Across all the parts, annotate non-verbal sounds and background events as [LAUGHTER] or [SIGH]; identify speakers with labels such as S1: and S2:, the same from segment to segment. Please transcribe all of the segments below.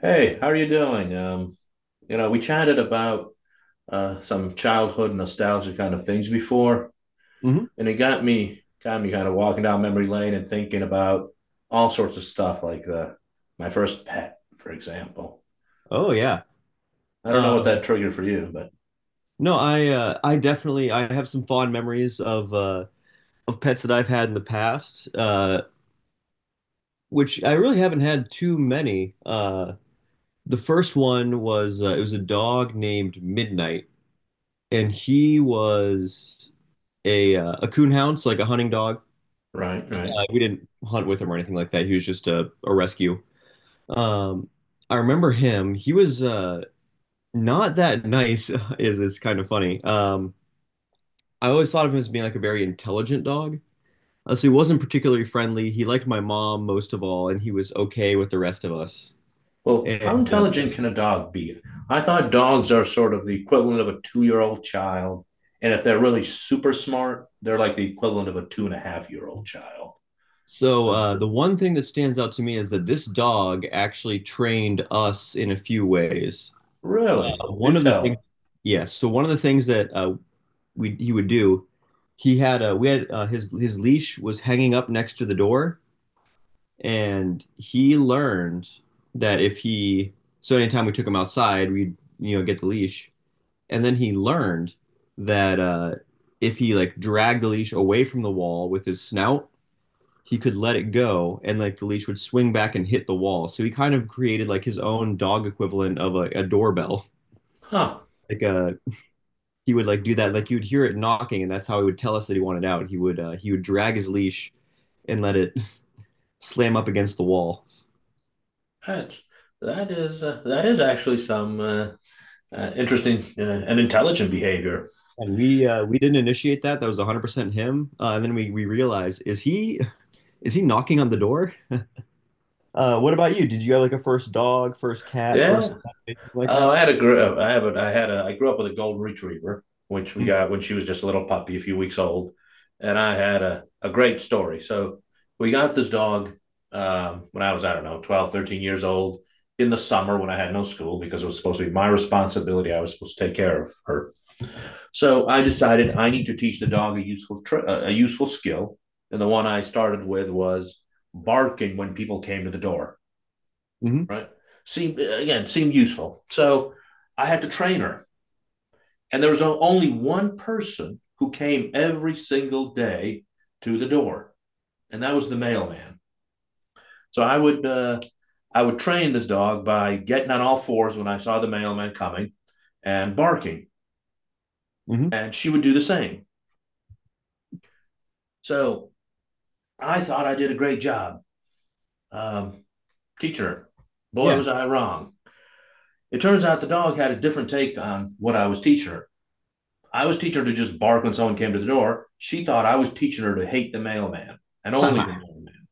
S1: Hey, how are you doing? We chatted about some childhood nostalgia kind of things before,
S2: Hmm.
S1: and it got me kind of walking down memory lane and thinking about all sorts of stuff like the my first pet, for example.
S2: Oh yeah.
S1: I don't know
S2: Uh,
S1: what that triggered for you, but
S2: no, I definitely I have some fond memories of pets that I've had in the past, which I really haven't had too many. The first one was it was a dog named Midnight, and he was a coonhound, so like a hunting dog.
S1: right, right.
S2: We didn't hunt with him or anything like that. He was just a rescue. Um, I remember him. He was not that nice. [LAUGHS] Is kind of funny. I always thought of him as being like a very intelligent dog. So he wasn't particularly friendly. He liked my mom most of all, and he was okay with the rest of us.
S1: Well, how
S2: And
S1: intelligent can a dog be? I thought dogs are sort of the equivalent of a 2-year-old child, and if they're really super smart, they're like the equivalent of a 2.5-year-old old child.
S2: so
S1: So,
S2: The one thing that stands out to me is that this dog actually trained us in a few ways.
S1: really?
S2: One
S1: Do
S2: of the things,
S1: tell.
S2: yes. Yeah, so one of the things that we he would do, he had we had his leash was hanging up next to the door, and he learned that if he so anytime we took him outside, we'd you know get the leash, and then he learned that if he like dragged the leash away from the wall with his snout, he could let it go, and like the leash would swing back and hit the wall. So he kind of created like his own dog equivalent of a doorbell. [LAUGHS]
S1: Huh.
S2: Like uh, he would like do that. Like you'd hear it knocking, and that's how he would tell us that he wanted out. He would drag his leash and let it [LAUGHS] slam up against the wall.
S1: That's that is that is actually some interesting and intelligent behavior.
S2: And we We didn't initiate that. That was 100% him. And then we realized, is he, is he knocking on the door? What about you? Did you have like a first dog, first cat, first
S1: Yeah.
S2: anything like that?
S1: I have a I had a I grew up with a golden retriever, which we got when she was just a little puppy, a few weeks old, and I had a great story. So we got this dog when I was I don't know 12, 13 years old in the summer when I had no school because it was supposed to be my responsibility. I was supposed to take care of her. So I decided I need to teach the dog a useful skill, and the one I started with was barking when people came to the door.
S2: Mm-hmm.
S1: Right? Seemed useful. So I had to train her, and there was only one person who came every single day to the door, and that was the mailman. So I would train this dog by getting on all fours when I saw the mailman coming, and barking,
S2: Mm-hmm.
S1: and she would do the same. So I thought I did a great job, um, teacher. Boy,
S2: Yeah.
S1: was I wrong. It turns out the dog had a different take on what I was teaching her. I was teaching her to just bark when someone came to the door. She thought I was teaching her to hate the mailman, and only the
S2: [LAUGHS]
S1: mailman.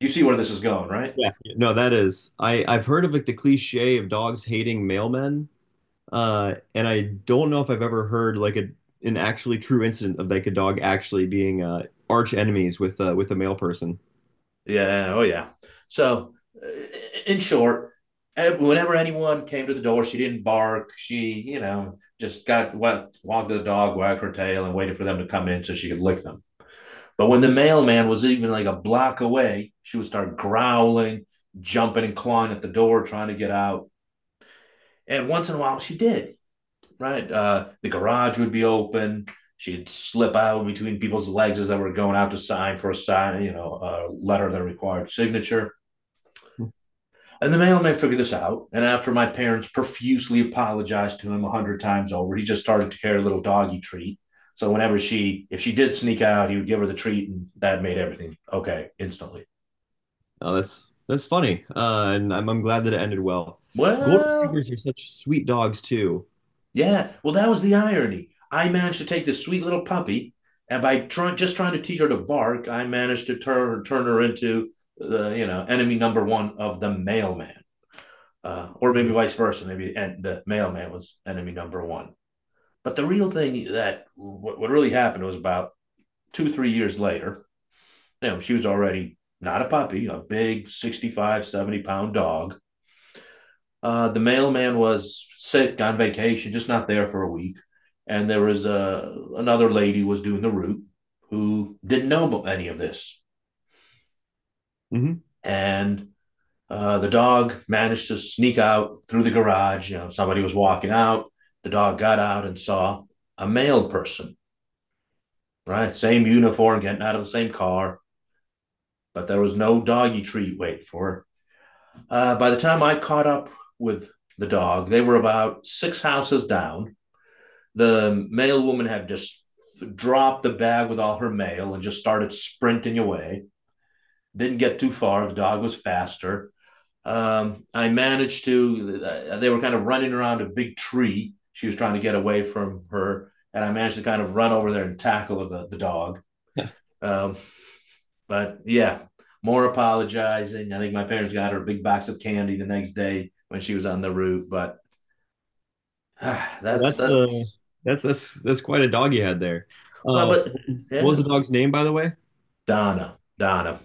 S1: You see where this is going, right?
S2: Yeah. No, that is. I've heard of like the cliche of dogs hating mailmen, and I don't know if I've ever heard like a an actually true incident of like a dog actually being arch enemies with a male person.
S1: Yeah. Oh, yeah. So, uh, in short, whenever anyone came to the door, she didn't bark. She, you know, just got wet, walked to the dog, wagged her tail, and waited for them to come in so she could lick them. But when the
S2: Mhm.
S1: mailman was even like a block away, she would start growling, jumping and clawing at the door, trying to get out. And once in a while, she did, right? The garage would be open. She'd slip out between people's legs as they were going out to sign for a sign, you know, a letter that required signature. And the mailman figured this out. And after my parents profusely apologized to him 100 times over, he just started to carry a little doggy treat. So whenever she, if she did sneak out, he would give her the treat, and that made everything okay instantly.
S2: Oh, that's funny, and I'm glad that it ended well. Golden
S1: Well,
S2: retrievers are such sweet dogs too.
S1: yeah. Well, that was the irony. I managed to take this sweet little puppy, and by trying to teach her to bark, I managed to turn her into the enemy number one of the mailman, or maybe
S2: Yeah.
S1: vice versa. Maybe and the mailman was enemy number one. But the real thing that what really happened was about 2-3 years later. You know, she was already not a puppy, a big 65-pound dog. The mailman was sick on vacation, just not there for a week. And there was a another lady was doing the route who didn't know any of this.
S2: Hmm.
S1: And the dog managed to sneak out through the garage. You know, somebody was walking out. The dog got out and saw a male person, right? Same uniform, getting out of the same car, but there was no doggy treat wait for her. By the time I caught up with the dog, they were about six houses down. The mail woman had just dropped the bag with all her mail and just started sprinting away. Didn't get too far. The dog was faster. I managed to, they were kind of running around a big tree. She was trying to get away from her. And I managed to kind of run over there and tackle the dog. Um, but yeah, more apologizing. I think my parents got her a big box of candy the next day when she was on the route. But uh,
S2: Yeah,
S1: that's,
S2: that's uh
S1: that's,
S2: that's that's that's quite a dog you had there.
S1: well, but
S2: What was
S1: yeah,
S2: the dog's name, by the way?
S1: Donna, Donna,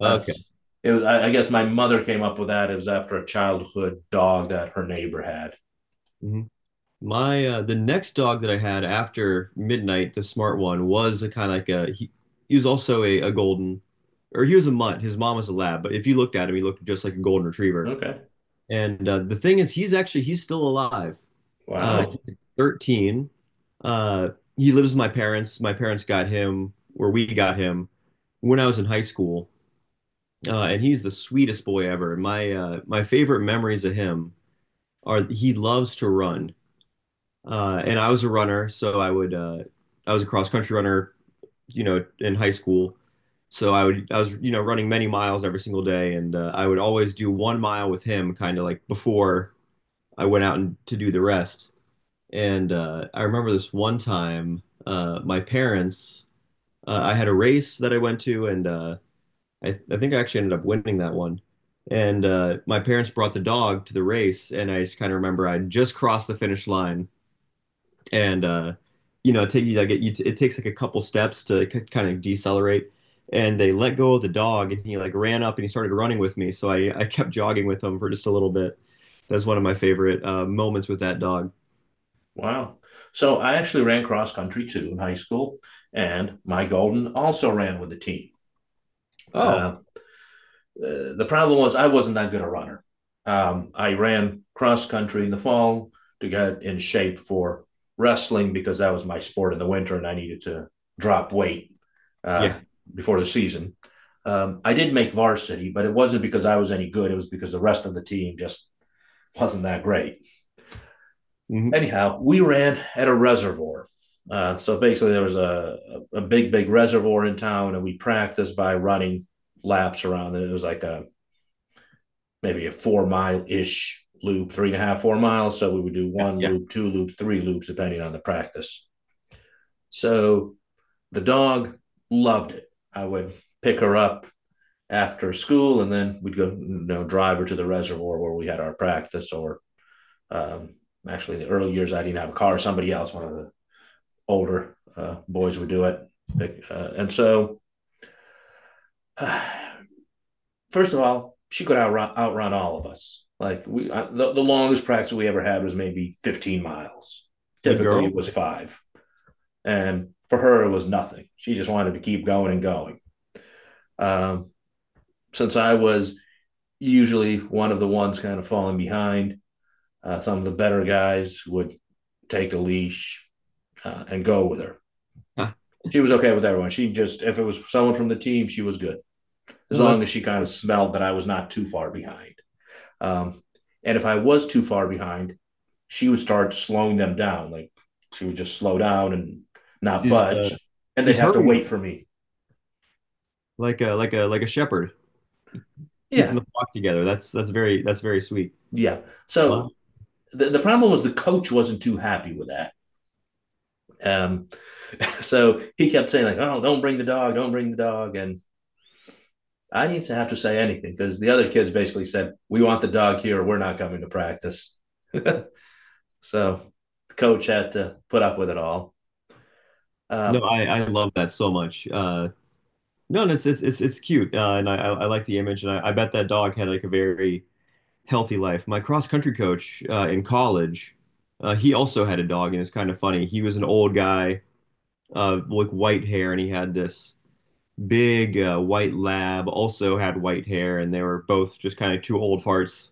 S2: Okay.
S1: as it was. I guess my mother came up with that. It was after a childhood dog that her neighbor had.
S2: Hmm. My the next dog that I had after midnight, the smart one, was a kind of like a he was also a golden, or he was a mutt. His mom was a lab, but if you looked at him, he looked just like a golden retriever.
S1: Okay.
S2: And The thing is, he's still alive.
S1: Wow.
S2: He's 13. Uh, he lives with my parents. My parents got him or we got him when I was in high school. And he's the sweetest boy ever. My my favorite memories of him are he loves to run, and I was a cross country runner, you know, in high school. So I was you know running many miles every single day, and I would always do 1 mile with him, kind of like before I went out and to do the rest. And I remember this one time, I had a race that I went to, and I think I actually ended up winning that one. And my parents brought the dog to the race, and I just kind of remember I just crossed the finish line, and you know, take you like it, you t- it takes like a couple steps to kind of decelerate, and they let go of the dog, and he like ran up and he started running with me, so I kept jogging with him for just a little bit. That's one of my favorite moments with that dog.
S1: Wow. So I actually ran cross country too in high school, and my golden also ran with the team.
S2: Oh
S1: Um, the problem was I wasn't that good a runner. I ran cross country in the fall to get in shape for wrestling because that was my sport in the winter and I needed to drop weight
S2: yeah.
S1: uh, before the season. I did make varsity, but it wasn't because I was any good. It was because the rest of the team just wasn't that great.
S2: Hmm.
S1: Anyhow, we ran at a reservoir. So basically, there was a big, big reservoir in town, and we practiced by running laps around it. It was like a maybe a 4-mile ish loop, three and a half, 4 miles. So we would do
S2: Yeah,
S1: one
S2: yeah,
S1: loop, two loops, three loops, depending on the practice. So the dog loved it. I would pick her up after school and then we'd go, you know, drive her to the reservoir where we had our practice. Or um, actually, the early years, I didn't have a car. Somebody else, one of the older boys would do it. Pick, and so Uh, First of all, she could outrun all of us. Like the longest practice we ever had was maybe 15 miles.
S2: good
S1: Typically,
S2: girl.
S1: it was five, and for her, it was nothing. She just wanted to keep going and going. Um, since I was usually one of the ones kind of falling behind, some of the better guys would take a leash and go with her.
S2: Huh.
S1: She was okay with everyone. She just, if it was someone from the team, she was good as
S2: No,
S1: long
S2: that's
S1: as she kind of smelled that I was not too far behind. Um, and if I was too far behind, she would start slowing them down. Like she would just slow down and not
S2: she's uh,
S1: budge, and
S2: she
S1: they'd
S2: was
S1: have to
S2: herding them
S1: wait for me.
S2: like a like a like a shepherd, keeping
S1: Yeah,
S2: the flock together. That's very sweet.
S1: yeah.
S2: Wow.
S1: So the problem was the coach wasn't too happy with that. Um, so he kept saying like, "Oh, don't bring the dog, don't bring the dog," and I didn't have to say anything because the other kids basically said, "We want the dog here. We're not coming to practice." So the coach had to put up with it all.
S2: No,
S1: Uh,
S2: I love that so much. No, and it's cute, and I like the image, and I bet that dog had like a very healthy life. My cross country coach in college, he also had a dog, and it's kind of funny. He was an old guy, like white hair, and he had this big white lab. Also had white hair, and they were both just kind of two old farts.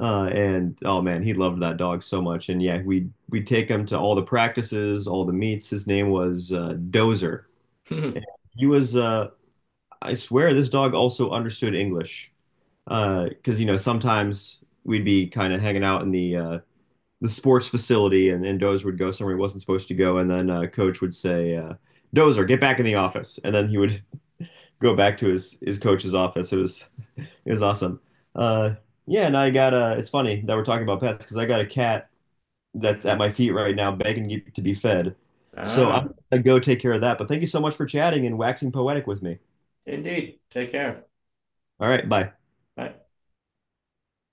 S2: And Oh man, he loved that dog so much. And yeah, we we'd take him to all the practices, all the meets. His name was Dozer.
S1: [LAUGHS]
S2: He was, I swear, this dog also understood English. Because you know, sometimes we'd be kind of hanging out in the sports facility, and then Dozer would go somewhere he wasn't supposed to go, and then coach would say, "Dozer, get back in the office," and then he would [LAUGHS] go back to his coach's office. It was awesome. Uh, yeah, and I got a. It's funny that we're talking about pets because I got a cat that's at my feet right now, begging to be fed. So I'm
S1: ah,
S2: gonna go take care of that. But thank you so much for chatting and waxing poetic with me.
S1: indeed. Take care.
S2: All right, bye.
S1: Bye.